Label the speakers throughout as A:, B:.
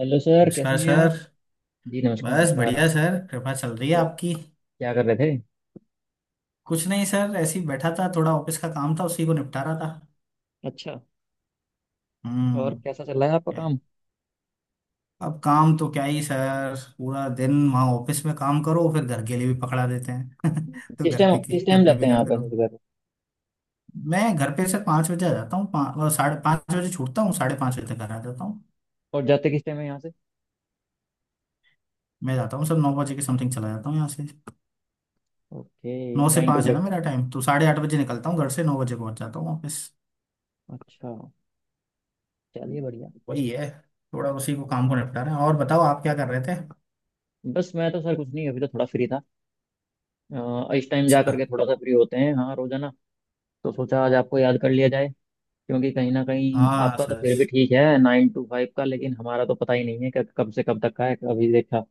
A: Hello sir, कैसे
B: नमस्कार
A: हैं आप?
B: सर।
A: जी नमस्कार,
B: बस
A: नमस्कार।
B: बढ़िया
A: आप
B: सर, कृपा चल रही है
A: और
B: आपकी।
A: क्या कर रहे थे?
B: कुछ नहीं सर, ऐसे ही बैठा था, थोड़ा ऑफिस का काम था, उसी को निपटा रहा था।
A: अच्छा। और
B: हम्म।
A: कैसा चल रहा है आपका
B: क्या?
A: काम?
B: अब काम तो क्या ही सर, पूरा दिन वहाँ ऑफिस में काम करो, फिर घर के लिए भी पकड़ा देते हैं। तो घर पे की
A: किस टाइम
B: घर पे
A: जाते
B: भी
A: हैं
B: करते
A: आप ऐसे
B: रहो।
A: सुबह को?
B: मैं घर पे सर 5 बजे आ जाता हूँ, पाँच और 5:30 बजे छूटता हूँ, 5:30 बजे तक घर आ जाता हूँ।
A: और जाते किस टाइम है यहाँ से?
B: मैं जाता हूँ सर 9 बजे के समथिंग, चला जाता हूँ यहाँ से।
A: ओके।
B: नौ से
A: नाइन टू
B: पाँच है
A: फाइव
B: ना
A: क्या?
B: मेरा टाइम, तो 8:30 बजे निकलता हूँ घर से, 9 बजे पहुँच जाता हूँ ऑफिस।
A: अच्छा। चलिए, बढ़िया।
B: वही है, थोड़ा उसी को काम को निपटा रहे हैं। और बताओ आप क्या कर रहे थे?
A: बस मैं तो सर कुछ नहीं, अभी तो थोड़ा फ्री था। इस टाइम जा
B: अच्छा।
A: करके थोड़ा सा फ्री होते हैं हाँ रोजाना। तो सोचा आज आपको याद कर लिया जाए। क्योंकि कहीं ना कहीं
B: हाँ
A: आपका तो
B: सर।
A: फिर भी ठीक है, 9 to 5 का, लेकिन हमारा तो पता ही नहीं है कि कब से कब तक का है अभी देखा।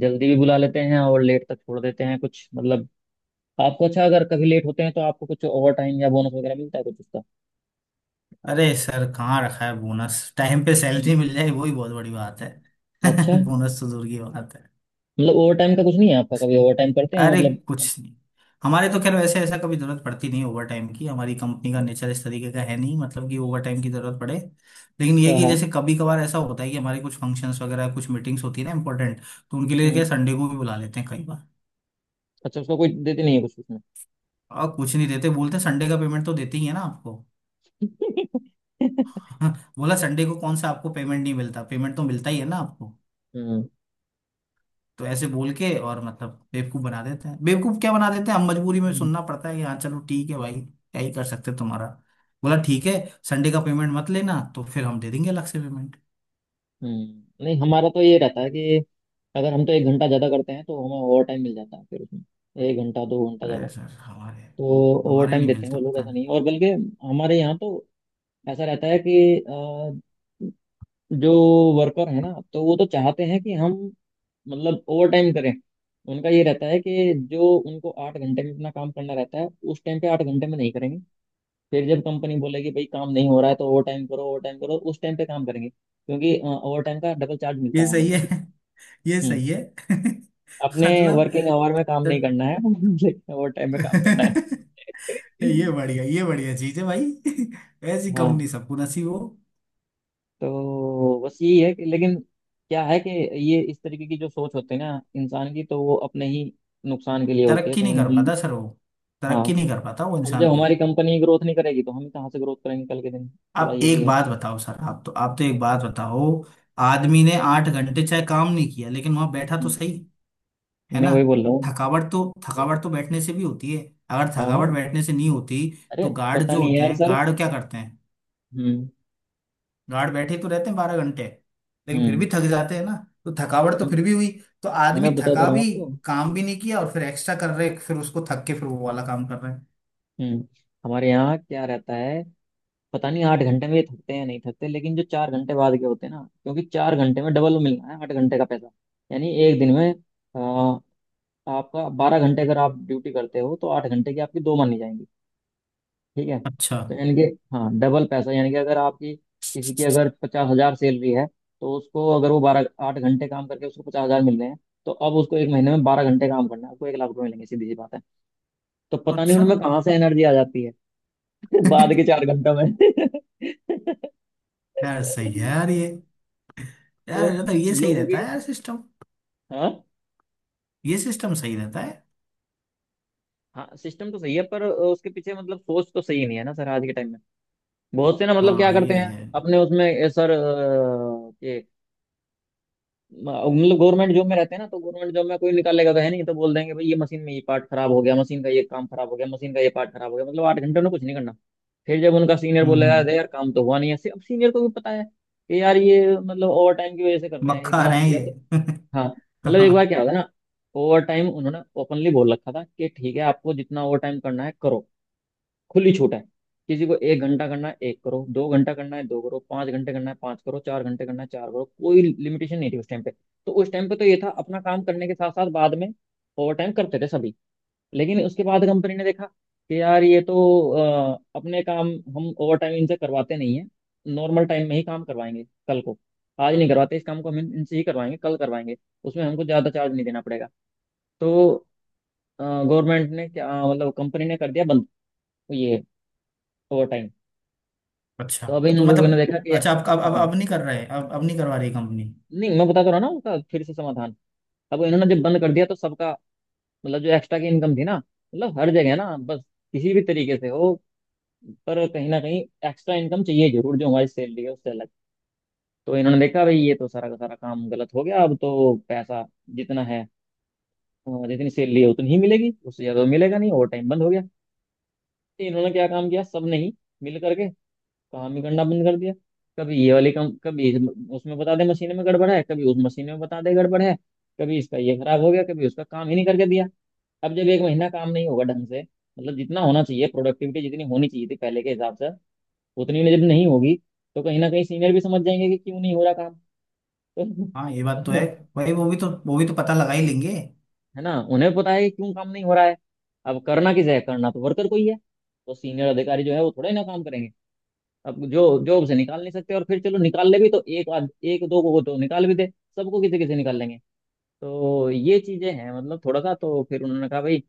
A: जल्दी भी बुला लेते हैं और लेट तक छोड़ देते हैं कुछ, मतलब आपको। अच्छा, अगर कभी लेट होते हैं तो आपको कुछ ओवर टाइम या बोनस वगैरह मिलता है कुछ उसका?
B: अरे सर कहाँ रखा है बोनस! टाइम पे
A: हम्म।
B: सैलरी मिल जाए वही बहुत बड़ी बात है।
A: अच्छा है।
B: बोनस तो दूर की बात है।
A: मतलब ओवर टाइम का कुछ नहीं है आपका? कभी ओवर टाइम करते हैं
B: अरे
A: मतलब?
B: कुछ नहीं। हमारे तो खैर वैसे ऐसा कभी जरूरत पड़ती नहीं ओवर टाइम की, हमारी कंपनी का
A: हम्म।
B: नेचर इस तरीके का है नहीं, मतलब कि ओवर टाइम की जरूरत पड़े। लेकिन ये
A: हाँ
B: कि
A: हाँ।
B: जैसे कभी कभार ऐसा होता है कि हमारे कुछ फंक्शंस वगैरह, कुछ मीटिंग्स होती है ना इंपॉर्टेंट, तो उनके लिए क्या
A: हम्म।
B: संडे को भी बुला लेते हैं कई बार।
A: अच्छा, उसका कोई देते नहीं है कुछ उसमें?
B: कुछ नहीं देते, बोलते संडे का पेमेंट तो देते ही है ना आपको। बोला संडे को कौन सा आपको पेमेंट नहीं मिलता, पेमेंट तो मिलता ही है ना आपको।
A: हम्म।
B: तो ऐसे बोल के और मतलब बेवकूफ बना देते हैं, बेवकूफ क्या बना देते हैं, हम मजबूरी में
A: हम्म।
B: सुनना पड़ता है कि हाँ चलो ठीक है भाई, क्या ही कर सकते हैं तुम्हारा। बोला ठीक है, संडे का पेमेंट मत लेना तो फिर हम दे देंगे अलग से पेमेंट।
A: हम्म। नहीं हमारा तो ये रहता है कि अगर हम तो 1 घंटा ज्यादा करते हैं तो हमें ओवर टाइम मिल जाता है फिर। उसमें 1 घंटा 2 घंटा ज्यादा
B: अरे सर हमारे
A: तो ओवर
B: हमारे
A: टाइम
B: नहीं
A: देते हैं
B: मिलता,
A: वो लोग,
B: पता
A: ऐसा
B: नहीं।
A: नहीं है। और बल्कि हमारे यहाँ तो ऐसा रहता है कि अ, जो वर्कर है ना तो वो तो चाहते हैं कि हम मतलब ओवर टाइम करें। उनका ये रहता है कि जो उनको 8 घंटे में अपना काम करना रहता है उस टाइम पे 8 घंटे में नहीं करेंगे। फिर जब कंपनी बोलेगी भाई काम नहीं हो रहा है तो ओवर टाइम करो ओवर टाइम करो, उस टाइम पे काम करेंगे, क्योंकि ओवर टाइम का डबल चार्ज मिलता
B: ये
A: है
B: सही
A: हमें ना।
B: है। ये
A: हम्म।
B: सही है।
A: अपने
B: मतलब,
A: वर्किंग आवर में काम नहीं करना है लेकिन ओवर टाइम में काम करना है।
B: तो ये बढ़िया, ये बढ़िया चीज है भाई। ऐसी
A: हाँ।
B: कंपनी सबको नसीब हो।
A: तो बस यही है कि लेकिन क्या है कि ये इस तरीके की जो सोच होती है ना इंसान की, तो वो अपने ही नुकसान के लिए होती है
B: तरक्की
A: कहीं
B: नहीं
A: ना
B: कर
A: कहीं।
B: पाता सर वो,
A: हाँ।
B: तरक्की नहीं कर पाता वो
A: अब जब
B: इंसान फिर।
A: हमारी कंपनी ग्रोथ नहीं करेगी तो हम कहाँ से ग्रोथ करेंगे कल के दिन, थोड़ा
B: आप
A: ये भी
B: एक
A: है।
B: बात बताओ सर, आप तो एक बात बताओ। आदमी ने 8 घंटे चाहे काम नहीं किया, लेकिन वहां बैठा तो
A: हम्म।
B: सही। है
A: मैं
B: ना?
A: वही बोल रहा हूँ।
B: थकावट तो, थकावट तो बैठने से भी होती है। अगर
A: हाँ हाँ।
B: थकावट बैठने से नहीं होती,
A: अरे
B: तो गार्ड
A: पता
B: जो
A: नहीं
B: होते
A: यार
B: हैं,
A: सर।
B: गार्ड क्या करते हैं?
A: हम्म।
B: गार्ड बैठे तो रहते हैं 12 घंटे, लेकिन फिर भी
A: हम्म।
B: थक जाते हैं ना, तो थकावट तो फिर भी हुई। तो आदमी
A: मैं बता तो
B: थका
A: रहा हूँ
B: भी,
A: आपको।
B: काम भी नहीं किया, और फिर एक्स्ट्रा कर रहे, फिर उसको थक के फिर वो वाला काम कर रहे हैं।
A: हम्म। हमारे यहाँ क्या रहता है, पता नहीं 8 घंटे में ये थकते हैं या नहीं थकते, लेकिन जो 4 घंटे बाद के होते हैं ना क्योंकि 4 घंटे में डबल मिलना है 8 घंटे का पैसा। यानी एक दिन में अ, आपका 12 घंटे अगर आप ड्यूटी करते हो तो 8 घंटे की आपकी दो मानी जाएंगी। ठीक है?
B: अच्छा।
A: तो यानी कि हाँ, डबल पैसा। यानी कि अगर आपकी किसी की अगर 50,000 सैलरी है तो उसको अगर वो 12 से 8 घंटे काम करके उसको 50,000 मिल रहे हैं, तो अब उसको एक महीने में 12 घंटे काम करना है, उसको 1 लाख रुपए मिलेंगे, सीधी सी बात है। तो पता नहीं
B: अच्छा।
A: उनमें कहाँ से एनर्जी आ जाती है बाद के 4 घंटों में
B: यार सही है यार ये।
A: तो
B: यार मतलब ये सही
A: लोगों की,
B: रहता है यार सिस्टम।
A: हाँ।
B: ये सिस्टम सही रहता है।
A: हाँ सिस्टम तो सही है पर उसके पीछे मतलब सोच तो सही नहीं है ना सर आज के टाइम में। बहुत से ना मतलब क्या
B: हाँ
A: करते
B: ये
A: हैं
B: है।
A: अपने उसमें सर, ये मतलब गवर्नमेंट जॉब में रहते हैं ना, तो गवर्नमेंट जॉब में कोई निकालेगा तो है नहीं, तो बोल देंगे भाई ये मशीन में ये पार्ट खराब हो गया, मशीन का ये काम खराब हो गया, मशीन का ये पार्ट खराब हो गया, मतलब 8 घंटे में कुछ नहीं करना। फिर जब उनका सीनियर
B: हम्म,
A: बोलेगा अरे यार काम तो हुआ नहीं ऐसे, अब सीनियर को भी पता है कि यार ये मतलब ओवर टाइम की वजह से कर रहे हैं
B: मक्खा
A: इतना
B: रहे हैं
A: या तो।
B: ये।
A: हाँ। मतलब एक बार
B: हाँ।
A: क्या होगा ना, ओवर टाइम उन्होंने ओपनली बोल रखा था कि ठीक है आपको जितना ओवर टाइम करना है करो, खुली छूट है, किसी को 1 घंटा करना है एक करो, 2 घंटा करना है दो करो, 5 घंटे करना है पांच करो, 4 घंटे करना है चार करो, कोई लिमिटेशन नहीं थी उस टाइम पे। तो उस टाइम पे तो ये था अपना काम करने के साथ साथ बाद में ओवर टाइम करते थे सभी। लेकिन उसके बाद कंपनी ने देखा कि यार ये तो अपने काम हम ओवर टाइम इनसे करवाते नहीं है, नॉर्मल टाइम में ही काम करवाएंगे कल को, आज नहीं करवाते इस काम को हम इनसे ही करवाएंगे, कल करवाएंगे, उसमें हमको ज्यादा चार्ज नहीं देना पड़ेगा। तो गवर्नमेंट ने क्या मतलब कंपनी ने कर दिया बंद ये ओवर टाइम।
B: अच्छा
A: तो अब इन
B: तो
A: लोगों ने
B: मतलब,
A: देखा कि
B: अच्छा अब अब अब
A: हाँ,
B: अब नहीं कर रहे, अब नहीं करवा रही कंपनी?
A: नहीं मैं बता तो रहा ना उसका फिर से समाधान। अब इन्होंने जब बंद कर दिया तो सबका मतलब जो एक्स्ट्रा की इनकम थी ना, मतलब हर जगह ना बस, किसी भी तरीके से हो पर कहीं ना कहीं एक्स्ट्रा इनकम चाहिए जरूर जो हमारी सैलरी है उससे अलग। तो इन्होंने देखा भाई ये तो सारा का सारा काम गलत हो गया, अब तो पैसा जितना है जितनी सैलरी है उतनी ही मिलेगी, उससे ज्यादा मिलेगा नहीं, ओवर टाइम बंद हो गया। तो इन्होंने क्या काम किया सब ने ही मिल करके, काम ही करना बंद कर दिया। कभी ये वाली कम, कभी उसमें बता दे मशीन में गड़बड़ है, कभी उस मशीन में बता दे गड़बड़ है, कभी इसका ये खराब हो गया, कभी उसका काम ही नहीं करके दिया। अब जब एक महीना काम नहीं होगा ढंग से मतलब जितना होना चाहिए प्रोडक्टिविटी जितनी होनी चाहिए थी पहले के हिसाब से, उतनी जब नहीं होगी, तो कहीं ना कहीं सीनियर भी समझ जाएंगे कि क्यों नहीं हो रहा काम।
B: हाँ ये बात तो है।
A: तो
B: भाई वो भी तो पता लगा ही लेंगे।
A: है ना, उन्हें पता है कि क्यों काम नहीं हो रहा है। अब करना किसे है? करना तो वर्कर को ही है, तो सीनियर अधिकारी जो है वो थोड़े ना काम करेंगे। अब जो जॉब से निकाल नहीं सकते, और फिर चलो निकाल ले भी तो एक आध एक दो को तो निकाल भी दे, सबको किसी किसी निकाल लेंगे? तो ये चीजें हैं, मतलब थोड़ा सा तो फिर उन्होंने कहा भाई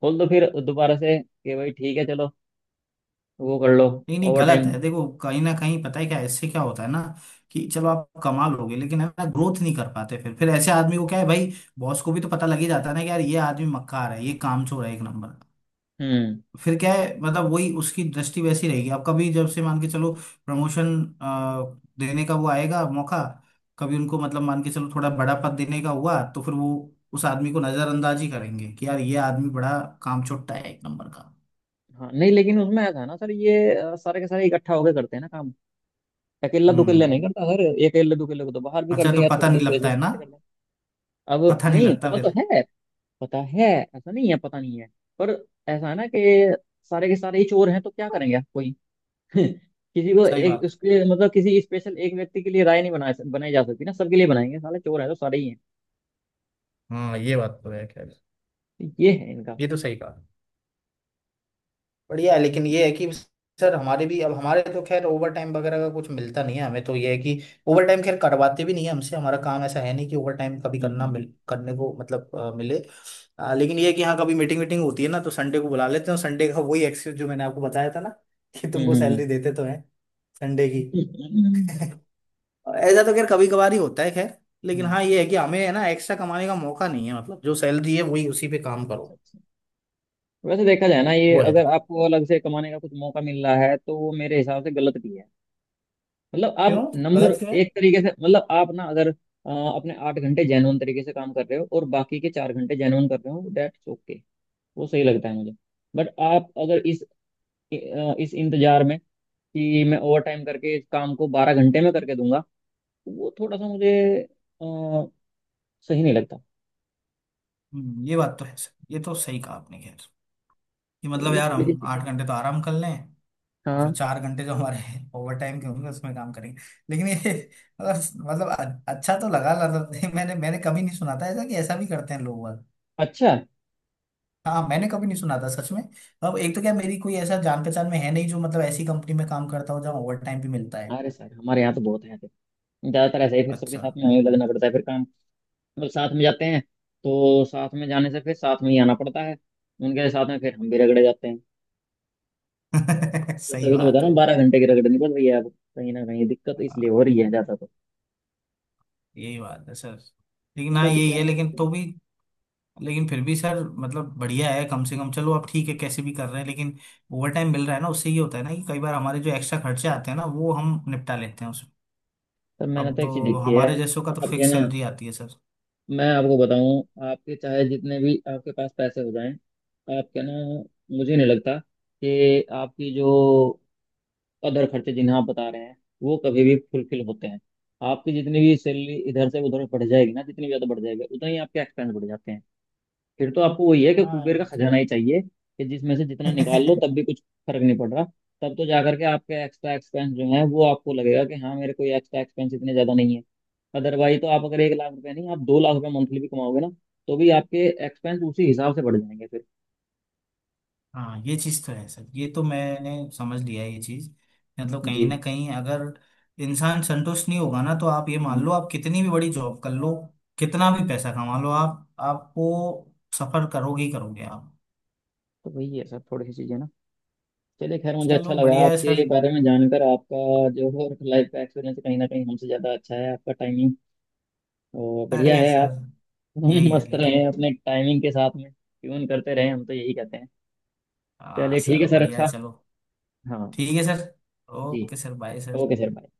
A: खोल दो फिर दोबारा से कि भाई ठीक है चलो वो कर लो
B: नहीं नहीं
A: ओवर
B: गलत
A: टाइम।
B: है, देखो कहीं ना कहीं पता है क्या इससे क्या होता है ना, कि चलो आप कमा लोगे लेकिन है ना, ग्रोथ नहीं कर पाते फिर। ऐसे आदमी को क्या है भाई, बॉस को भी तो पता लग ही जाता है ना कि यार ये आदमी मक्कार है, ये कामचोर है एक नंबर।
A: हम्म।
B: फिर क्या है मतलब, वही उसकी दृष्टि वैसी रहेगी। अब कभी जब से मान के चलो प्रमोशन देने का वो आएगा मौका, कभी उनको मतलब मान के चलो थोड़ा बड़ा पद देने का हुआ, तो फिर वो उस आदमी को नजरअंदाज ही करेंगे कि यार ये आदमी बड़ा कामचोट्टा है एक नंबर का।
A: हाँ नहीं, लेकिन उसमें ऐसा है ना सर ये सारे के सारे इकट्ठा होकर करते हैं ना काम। अकेला दुकेला
B: हम्म।
A: नहीं करता सर, अकेले दुकेले को तो बाहर भी कर
B: अच्छा,
A: दे
B: तो
A: या
B: पता
A: थोड़ी
B: नहीं
A: देर के
B: लगता
A: लिए
B: है ना?
A: सस्पेंड कर दे। अब
B: पता नहीं
A: नहीं,
B: लगता
A: पता
B: फिर।
A: तो है। पता है। ऐसा नहीं है पता नहीं है। पर ऐसा है ना कि सारे के सारे ही चोर हैं तो क्या करेंगे आप? कोई किसी को
B: सही
A: एक
B: बात।
A: उसके मतलब किसी स्पेशल एक व्यक्ति के लिए राय नहीं बनाई बनाई जा सकती ना, सबके लिए बनाएंगे साले चोर है तो सारे ही
B: हाँ ये बात तो है। खैर,
A: हैं, ये है इनका।
B: ये तो सही कहा। बढ़िया है, लेकिन ये है कि सर हमारे भी, अब हमारे तो खैर ओवर टाइम वगैरह का कुछ मिलता नहीं है। हमें तो ये है कि ओवर टाइम खैर करवाते भी नहीं है हमसे, हमारा काम ऐसा है नहीं कि ओवर टाइम कभी करना
A: हम्म।
B: मिल करने को, मतलब मिले। लेकिन ये है कि हाँ कभी मीटिंग वीटिंग होती है ना, तो संडे को बुला लेते हैं, और संडे का वही एक्सक्यूज जो मैंने आपको बताया था ना, कि तुमको
A: हम्म।
B: सैलरी देते तो हैं संडे की।
A: हम्म।
B: ऐसा तो खैर कभी कभार ही होता है। खैर, लेकिन
A: हम्म।
B: हाँ ये है कि हमें है ना एक्स्ट्रा कमाने का मौका नहीं है, मतलब जो सैलरी है वही, उसी पे काम
A: अच्छा
B: करो।
A: अच्छा। वैसे देखा जाए ना ये,
B: वो है।
A: अगर आपको अलग से कमाने का कुछ मौका मिल रहा है तो वो मेरे हिसाब से गलत भी है। मतलब
B: क्यों?
A: आप नंबर
B: गलत क्यों है?
A: एक तरीके से, मतलब आप ना अगर अपने 8 घंटे जेन्युइन तरीके से काम कर रहे हो और बाकी के 4 घंटे जेन्युइन कर रहे हो, दैट्स ओके, वो सही लगता है मुझे। बट आप अगर इस इस इंतजार में कि मैं ओवर टाइम करके इस काम को 12 घंटे में करके दूंगा, तो वो थोड़ा सा मुझे अ, सही नहीं लगता।
B: ये बात तो है सर, ये तो सही कहा आपने। खैर, कि
A: तो
B: मतलब
A: ये
B: यार
A: थोड़ी सी
B: हम
A: चीजें।
B: 8 घंटे तो आराम कर लें, और फिर
A: हाँ।
B: 4 घंटे जो हमारे ओवर टाइम के होंगे उसमें काम करेंगे। लेकिन ये, अच्छा तो लगा मतलब, नहीं, मैंने मैंने कभी नहीं सुना था ऐसा कि ऐसा भी करते हैं लोग बाग।
A: अच्छा।
B: हाँ मैंने कभी नहीं सुना था सच में। अब एक तो क्या, मेरी कोई ऐसा जान पहचान में है नहीं जो मतलब ऐसी कंपनी में काम करता हो जहाँ ओवर टाइम भी मिलता है।
A: अरे सर हमारे यहाँ तो बहुत है ऐसे, ज्यादातर ऐसे ही। फिर सबके
B: अच्छा।
A: साथ में हमें लगना पड़ता है फिर काम, मतलब साथ में जाते हैं, तो साथ में जाने से फिर साथ में ही आना पड़ता है, उनके साथ में फिर हम भी रगड़े जाते हैं। तो
B: सही
A: तभी तो बता
B: बात
A: रहा हूँ
B: है।
A: 12 घंटे की रगड़नी पड़ रही है अब। कहीं ना कहीं दिक्कत
B: हाँ,
A: इसलिए हो रही है ज्यादा तो।
B: यही बात है सर। लेकिन हाँ
A: बट
B: यही
A: क्या
B: है, लेकिन तो भी, लेकिन फिर भी सर मतलब बढ़िया है कम से कम, चलो अब ठीक है, कैसे भी कर रहे हैं लेकिन ओवर टाइम मिल रहा है ना, उससे ये होता है ना कि कई बार हमारे जो एक्स्ट्रा खर्चे आते हैं ना वो हम निपटा लेते हैं उसमें।
A: सर, मैंने तो
B: अब
A: एक चीज देखी है।
B: हमारे जैसों का तो
A: आपके
B: फिक्स
A: ना,
B: सैलरी आती है सर।
A: मैं आपको बताऊं आपके चाहे जितने भी आपके पास पैसे हो जाएं, आपके ना मुझे नहीं लगता कि आपकी जो अदर खर्चे जिन्हें आप बता रहे हैं, वो कभी भी फुलफिल होते हैं। आपकी जितनी भी सैलरी इधर से उधर बढ़ जाएगी ना, जितनी भी ज़्यादा बढ़ जाएगी उतना ही आपके एक्सपेंस बढ़ जाते हैं। फिर तो आपको वही है कि
B: हाँ
A: कुबेर का
B: ये चीज।
A: खजाना ही चाहिए कि जिसमें से जितना निकाल लो तब भी कुछ फर्क नहीं पड़ रहा, तब तो जाकर के आपके एक्स्ट्रा एक्सपेंस जो है वो आपको लगेगा कि हाँ मेरे कोई एक्स्ट्रा एक्सपेंस इतने ज्यादा नहीं है। अदरवाइज तो आप अगर 1 लाख रुपए नहीं, आप 2 लाख रुपए मंथली भी कमाओगे ना, तो भी आपके एक्सपेंस उसी हिसाब से बढ़ जाएंगे फिर।
B: हाँ ये चीज़ तो है सर, ये तो मैंने समझ लिया है ये चीज़। मतलब
A: जी।
B: कहीं ना कहीं, अगर इंसान संतुष्ट नहीं होगा ना, तो आप ये मान
A: हम्म।
B: लो, आप कितनी भी बड़ी जॉब कर लो, कितना भी पैसा कमा लो आप, आपको सफर करोगे ही करोगे आप।
A: तो वही है सर, थोड़ी सी चीजें ना। चलिए, खैर मुझे अच्छा
B: चलो
A: लगा
B: बढ़िया है सर।
A: आपके बारे में जानकर। आपका जो लाइफ का एक्सपीरियंस कहीं ना कहीं हमसे ज्यादा अच्छा है, आपका टाइमिंग और बढ़िया
B: अरे
A: है।
B: सर।
A: हम
B: यही है,
A: मस्त रहे
B: लेकिन
A: अपने टाइमिंग के साथ में, ट्यून करते रहे, हम तो यही कहते हैं।
B: हाँ
A: चलिए ठीक है
B: सर
A: सर,
B: बढ़िया है,
A: अच्छा।
B: चलो।
A: हाँ।
B: ठीक है सर।
A: जी।
B: Okay sir, bye sir.
A: Okay sir, bye.